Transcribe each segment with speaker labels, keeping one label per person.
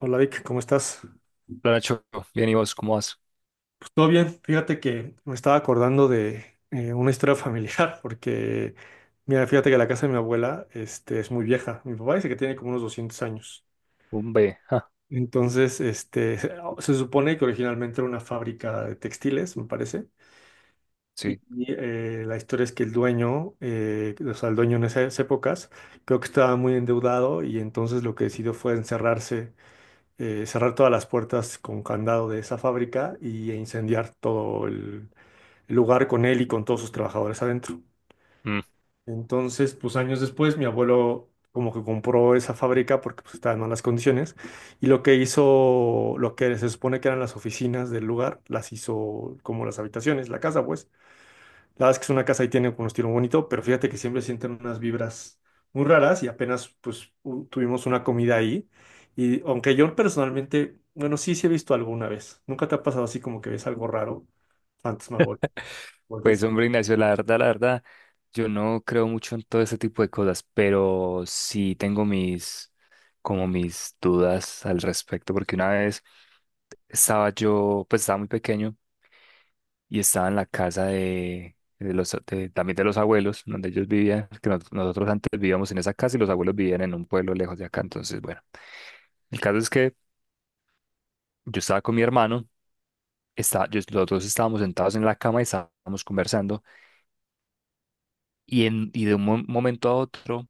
Speaker 1: Hola Vic, ¿cómo estás?
Speaker 2: Hola Nacho, bien y vos, ¿cómo vas?
Speaker 1: Pues todo bien, fíjate que me estaba acordando de una historia familiar, porque mira, fíjate que la casa de mi abuela es muy vieja. Mi papá dice que tiene como unos 200 años.
Speaker 2: Un B, ja,
Speaker 1: Entonces, se supone que originalmente era una fábrica de textiles, me parece. Y
Speaker 2: sí.
Speaker 1: y, eh, la historia es que el dueño, o sea, el dueño en esas épocas, creo que estaba muy endeudado y entonces lo que decidió fue encerrarse cerrar todas las puertas con candado de esa fábrica y e incendiar todo el lugar con él y con todos sus trabajadores adentro.
Speaker 2: Mm.
Speaker 1: Entonces, pues años después, mi abuelo como que compró esa fábrica porque pues, estaba en malas condiciones y lo que hizo, lo que se supone que eran las oficinas del lugar, las hizo como las habitaciones, la casa, pues. La verdad es que es una casa y tiene un estilo muy bonito, pero fíjate que siempre sienten unas vibras muy raras y apenas pues tuvimos una comida ahí. Y aunque yo personalmente, bueno, sí, sí he visto alguna vez. ¿Nunca te ha pasado así como que ves algo raro? Fantasmagórico.
Speaker 2: Pues hombre Ignacio, la verdad, yo no creo mucho en todo ese tipo de cosas, pero sí tengo mis, como mis dudas al respecto, porque una vez estaba yo, pues estaba muy pequeño y estaba en la casa también de los abuelos, donde ellos vivían, que nosotros antes vivíamos en esa casa y los abuelos vivían en un pueblo lejos de acá, entonces bueno, el caso es que yo estaba con mi hermano. Los dos estábamos sentados en la cama y estábamos conversando y, y de un momento a otro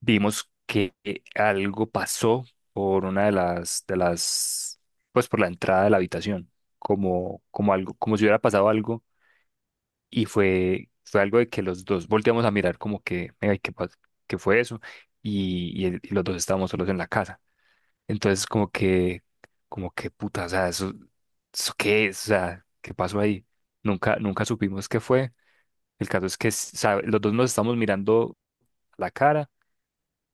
Speaker 2: vimos que algo pasó por una de las, pues por la entrada de la habitación, como, como algo, como si hubiera pasado algo y fue, fue algo de que los dos volteamos a mirar como que, venga, ¿qué fue eso? Y, y los dos estábamos solos en la casa. Entonces como que puta, o sea, eso, ¿eso qué es? O sea, ¿qué pasó ahí? Nunca, nunca supimos qué fue. El caso es que los dos nos estamos mirando a la cara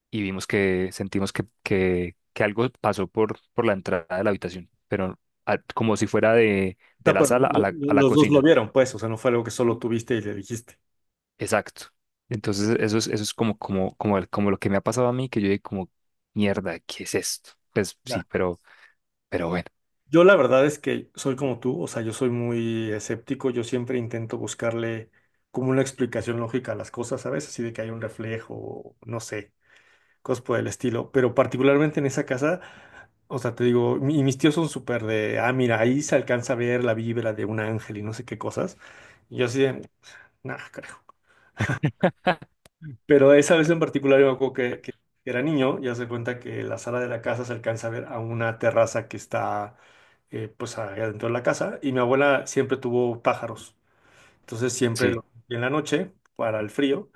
Speaker 2: y vimos que sentimos que algo pasó por la entrada de la habitación, pero como si fuera
Speaker 1: O
Speaker 2: de
Speaker 1: sea,
Speaker 2: la
Speaker 1: pero
Speaker 2: sala a la
Speaker 1: los dos lo
Speaker 2: cocina.
Speaker 1: vieron, pues, o sea, no fue algo que solo tuviste y le dijiste.
Speaker 2: Exacto.
Speaker 1: Ok,
Speaker 2: Entonces eso es como lo que me ha pasado a mí, que yo dije como, mierda, ¿qué es esto? Pues
Speaker 1: ya.
Speaker 2: sí, pero bueno.
Speaker 1: Yo la verdad es que soy como tú, o sea, yo soy muy escéptico, yo siempre intento buscarle como una explicación lógica a las cosas, ¿sabes? Así de que hay un reflejo, no sé, cosas por el estilo. Pero particularmente en esa casa, o sea, te digo, y mis tíos son súper de, ah, mira, ahí se alcanza a ver la vibra de un ángel y no sé qué cosas. Y yo así de, nah, carajo. Pero esa vez en particular, yo me acuerdo que era niño, ya se cuenta que la sala de la casa se alcanza a ver a una terraza que está, pues, adentro de la casa. Y mi abuela siempre tuvo pájaros. Entonces, siempre
Speaker 2: Sí.
Speaker 1: en la noche, para el frío.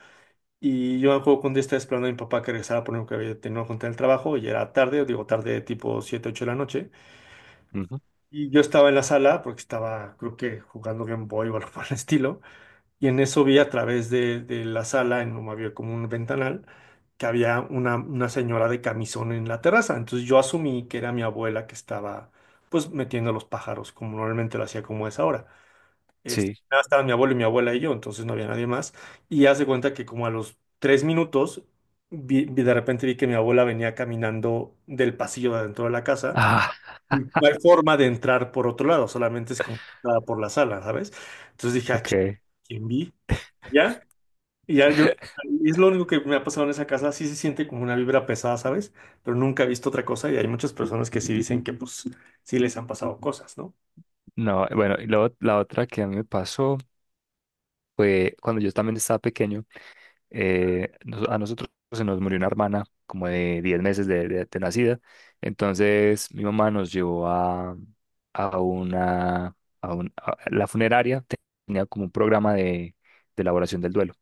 Speaker 1: Y yo me acuerdo que un día estaba esperando a mi papá que regresara por lo que había tenido que contar el trabajo, y era tarde, digo tarde tipo 7 8 de la noche.
Speaker 2: Ujú,
Speaker 1: Y yo estaba en la sala porque estaba, creo que jugando Game Boy o algo por el estilo. Y en eso vi a través de la sala, había como un ventanal, que había una señora de camisón en la terraza. Entonces yo asumí que era mi abuela que estaba, pues, metiendo los pájaros, como normalmente lo hacía como es ahora. Este,
Speaker 2: sí.
Speaker 1: nada, estaban mi abuelo y mi abuela y yo, entonces no había nadie más. Y hace cuenta que como a los 3 minutos, de repente vi que mi abuela venía caminando del pasillo de adentro de la casa.
Speaker 2: Ah,
Speaker 1: Y no hay forma de entrar por otro lado, solamente es como entrada por la sala, ¿sabes? Entonces dije, ah,
Speaker 2: ok.
Speaker 1: ¿quién vi? Ya, y ya yo, es lo único que me ha pasado en esa casa, sí se siente como una vibra pesada, ¿sabes? Pero nunca he visto otra cosa y hay muchas personas que sí dicen que pues sí les han pasado cosas, ¿no?
Speaker 2: No, bueno, y luego la otra que a mí me pasó fue cuando yo también estaba pequeño. A nosotros se nos murió una hermana como de 10 meses de nacida. Entonces mi mamá nos llevó a una, a un- a- la funeraria, tenía como un programa de elaboración del duelo.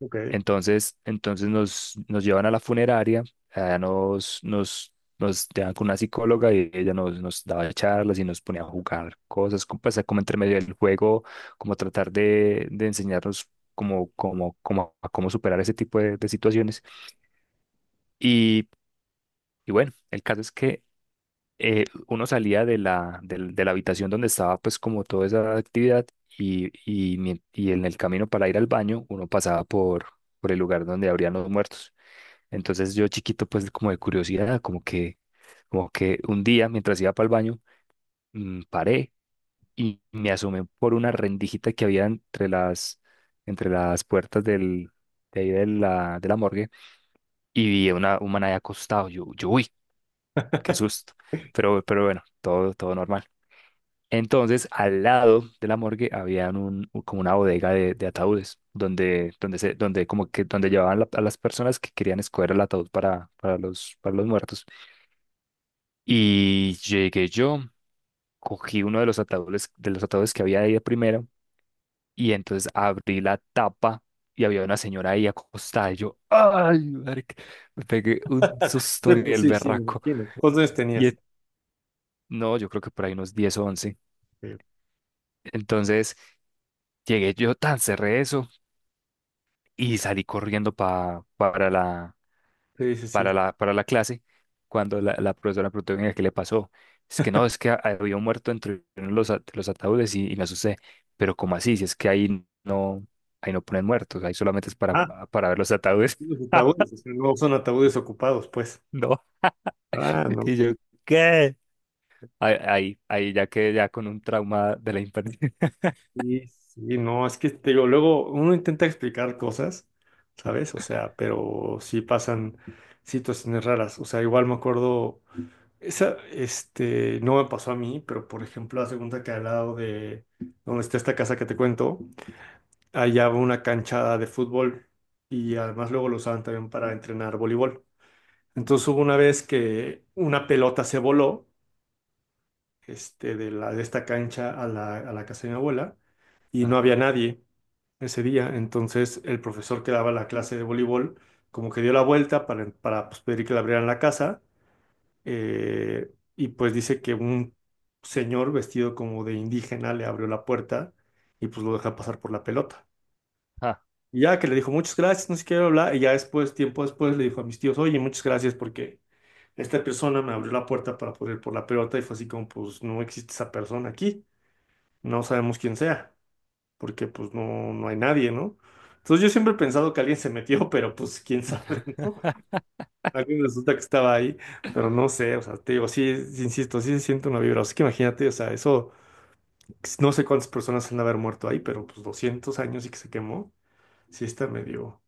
Speaker 1: Ok.
Speaker 2: Entonces nos llevan a la funeraria, allá nos, nos, nos dejan con una psicóloga y ella nos daba charlas y nos ponía a jugar cosas, como, pues, como entre medio del juego, como tratar de enseñarnos como a cómo superar ese tipo de situaciones. Y, y bueno, el caso es que uno salía de de la habitación donde estaba pues como toda esa actividad y, y en el camino para ir al baño uno pasaba por el lugar donde habrían los muertos. Entonces yo chiquito, pues como de curiosidad, como que un día mientras iba para el baño, paré y me asomé por una rendijita que había entre las puertas de ahí de la morgue y vi a un man ahí acostado. Uy, qué susto. Pero bueno, todo, todo normal. Entonces, al lado de la morgue había como una bodega de ataúdes, donde, donde, se, donde, como que, donde llevaban a las personas que querían escoger el ataúd para los muertos. Y llegué yo, cogí uno de los ataúdes que había ahí de primero, y entonces abrí la tapa y había una señora ahí acostada. Y yo, ¡ay, marica! Me pegué un susto
Speaker 1: Sí,
Speaker 2: en
Speaker 1: pues
Speaker 2: el
Speaker 1: sí, sí, me
Speaker 2: berraco.
Speaker 1: imagino. ¿Cuántos años
Speaker 2: Y
Speaker 1: tenías?
Speaker 2: en- no, yo creo que por ahí unos 10 o 11.
Speaker 1: Eh,
Speaker 2: Entonces llegué yo, tan cerré eso y salí corriendo
Speaker 1: Sí, sí, sí.
Speaker 2: para la clase cuando la profesora preguntó: "Venga, qué le pasó. Es que no, es que había un muerto entre uno de los, de los ataúdes y me asusté. Pero, ¿cómo así? Si es que ahí no ponen muertos, ahí solamente es
Speaker 1: Ah,
Speaker 2: para ver los ataúdes".
Speaker 1: los ataúdes, o sea, no son ataúdes ocupados, pues.
Speaker 2: No.
Speaker 1: Ah, no.
Speaker 2: Y yo, ¿qué? Ahí, ahí, ahí ya quedé ya con un trauma de la infancia.
Speaker 1: Sí, sí, no, es que te digo, luego uno intenta explicar cosas, ¿sabes? O sea, pero sí pasan situaciones raras. O sea, igual me acuerdo, esa, no me pasó a mí, pero por ejemplo, la segunda que al lado de donde está esta casa que te cuento, allá había una cancha de fútbol y además luego lo usaban también para entrenar voleibol. Entonces hubo una vez que una pelota se voló de esta cancha a la casa de mi abuela y no
Speaker 2: Ah,
Speaker 1: había nadie ese día. Entonces el profesor que daba la clase de voleibol como que dio la vuelta para pues, pedir que le abrieran la casa, eh, y pues dice que un señor vestido como de indígena le abrió la puerta y pues lo deja pasar por la pelota.
Speaker 2: ah.
Speaker 1: Y ya que le dijo muchas gracias, no sé qué, bla, bla, y ya después, tiempo después, le dijo a mis tíos, oye, muchas gracias porque esta persona me abrió la puerta para poder ir por la pelota y fue así como, pues no existe esa persona aquí, no sabemos quién sea, porque pues no, no hay nadie, ¿no? Entonces yo siempre he pensado que alguien se metió, pero pues quién sabe, ¿no? Alguien resulta que estaba ahí, pero no sé, o sea, te digo, sí, insisto, sí se siente una vibra, así que imagínate, o sea, eso, pues, no sé cuántas personas han de haber muerto ahí, pero pues 200 años y que se quemó, sí está medio,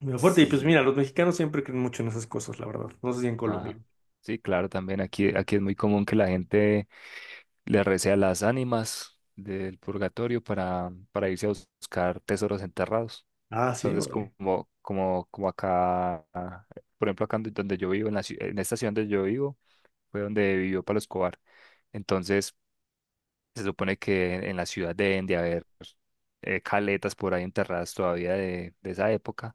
Speaker 1: medio fuerte. Y pues mira,
Speaker 2: Sí,
Speaker 1: los mexicanos siempre creen mucho en esas cosas, la verdad, no sé si en Colombia.
Speaker 2: ajá. Sí, claro, también aquí, aquí es muy común que la gente le recé a las ánimas del purgatorio para irse a buscar tesoros enterrados.
Speaker 1: Ah, sí,
Speaker 2: Entonces, como,
Speaker 1: vale.
Speaker 2: como, como acá, ah, por ejemplo, acá en donde yo vivo, en en esta ciudad donde yo vivo, fue donde vivió Pablo Escobar. Entonces, se supone que en la ciudad deben de haber caletas por ahí enterradas todavía de esa época.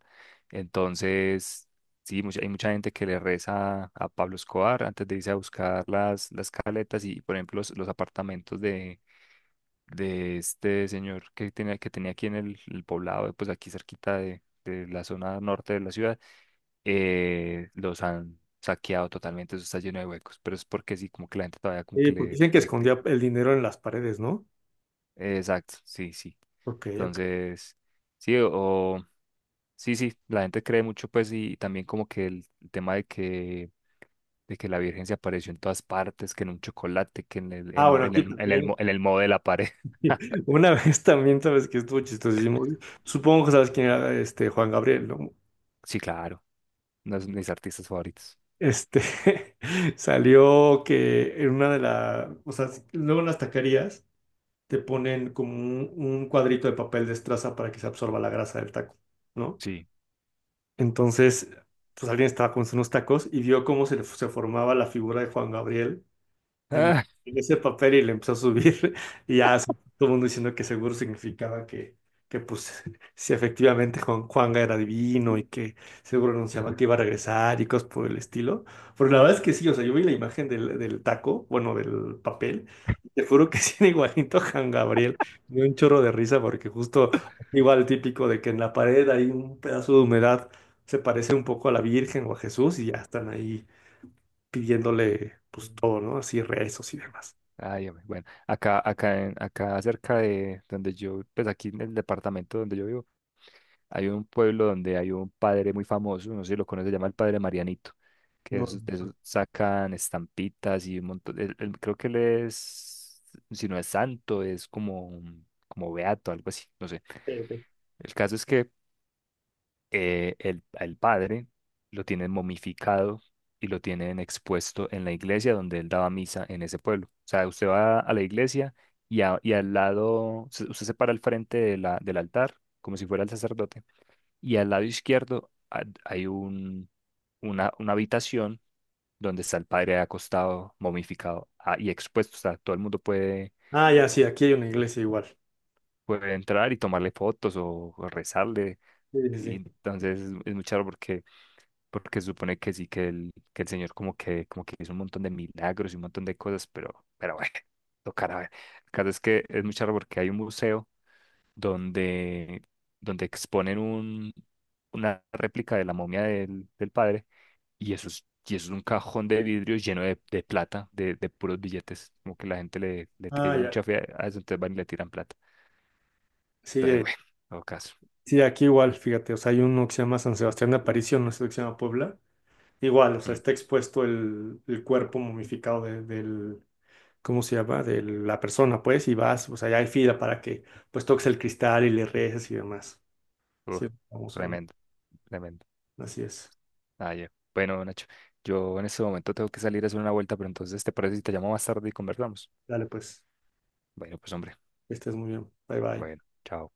Speaker 2: Entonces, sí, hay mucha gente que le reza a Pablo Escobar antes de irse a buscar las caletas y, por ejemplo, los apartamentos de este señor que tenía aquí en el poblado, pues aquí cerquita de la zona norte de la ciudad, los han saqueado totalmente, eso está lleno de huecos, pero es porque sí, como que la gente todavía como
Speaker 1: Sí,
Speaker 2: que
Speaker 1: porque dicen que escondía el dinero en las paredes, ¿no?
Speaker 2: exacto, sí, sí.
Speaker 1: Ok, ok.
Speaker 2: Entonces, sí, o... Sí, sí, la gente cree mucho, pues, y también como que el tema de que la Virgen se apareció en todas partes, que en un chocolate, que en el,
Speaker 1: Ah,
Speaker 2: en, un-
Speaker 1: bueno,
Speaker 2: en
Speaker 1: aquí
Speaker 2: en el,
Speaker 1: también.
Speaker 2: en el modo de la pared.
Speaker 1: Una vez también, sabes que estuvo chistosísimo. Supongo que sabes quién era este Juan Gabriel, ¿no?
Speaker 2: Sí, claro, uno de mis artistas favoritos.
Speaker 1: Este salió que en una de las, o sea, luego en las taquerías te ponen como un cuadrito de papel de estraza para que se absorba la grasa del taco, ¿no?
Speaker 2: Sí.
Speaker 1: Entonces, pues alguien estaba con unos tacos y vio cómo se, se formaba la figura de Juan Gabriel en
Speaker 2: Ah,
Speaker 1: en ese papel y le empezó a subir y ya todo el mundo diciendo que seguro significaba que pues si efectivamente Juanga era divino y que seguro anunciaba que iba a regresar y cosas por el estilo. Pero la verdad es que sí, o sea, yo vi la imagen del taco, bueno, del papel, y te juro que sí era igualito a Juan Gabriel. Me dio un chorro de risa porque justo igual típico de que en la pared hay un pedazo de humedad, se parece un poco a la Virgen o a Jesús y ya están ahí pidiéndole pues todo, ¿no? Así rezos y demás.
Speaker 2: ay, hombre, bueno, acá, acá cerca de donde yo, pues aquí en el departamento donde yo vivo, hay un pueblo donde hay un padre muy famoso, no sé si lo conoce, se llama el padre Marianito, que
Speaker 1: No,
Speaker 2: es, de
Speaker 1: ok,
Speaker 2: esos sacan estampitas y un montón, creo que él es, si no es santo, es como, como beato, algo así, no sé.
Speaker 1: ok.
Speaker 2: El caso es que al padre lo tienen momificado y lo tienen expuesto en la iglesia donde él daba misa en ese pueblo. O sea, usted va a la iglesia y, y al lado, usted se para al frente de la, del altar, como si fuera el sacerdote, y al lado izquierdo hay una habitación donde está el padre acostado, momificado ah, y expuesto. O sea, todo el mundo puede,
Speaker 1: Ah, ya, sí, aquí hay una iglesia igual.
Speaker 2: puede entrar y tomarle fotos o rezarle.
Speaker 1: Sí, sí,
Speaker 2: Y
Speaker 1: sí.
Speaker 2: entonces es muy charro porque porque supone que sí, que el Señor como que hizo un montón de milagros y un montón de cosas, pero bueno, tocará ver. El caso es que es muy charro porque hay un museo donde, donde exponen un, una réplica de la momia del, del padre y eso es un cajón de vidrio lleno de plata, de puros billetes, como que la gente le, le
Speaker 1: Ah,
Speaker 2: tiene
Speaker 1: ya.
Speaker 2: mucha fe a eso, entonces van y le tiran plata.
Speaker 1: Sí,
Speaker 2: Entonces, bueno, todo caso.
Speaker 1: sí, aquí igual, fíjate, o sea, hay uno que se llama San Sebastián de Aparición, no sé que se llama Puebla. Igual, o sea,
Speaker 2: Mm,
Speaker 1: está expuesto el cuerpo momificado del, ¿cómo se llama? De la persona, pues, y vas, o sea, ya hay fila para que, pues, toques el cristal y le reces y demás.
Speaker 2: uh,
Speaker 1: Sí, vamos,
Speaker 2: tremendo, tremendo.
Speaker 1: así es.
Speaker 2: Ah, ya. Bueno, Nacho, yo en este momento tengo que salir a hacer una vuelta, pero entonces, ¿te parece si te llamo más tarde y conversamos?
Speaker 1: Dale, pues,
Speaker 2: Bueno, pues hombre,
Speaker 1: que estés muy bien. Bye,
Speaker 2: bueno,
Speaker 1: bye.
Speaker 2: chao.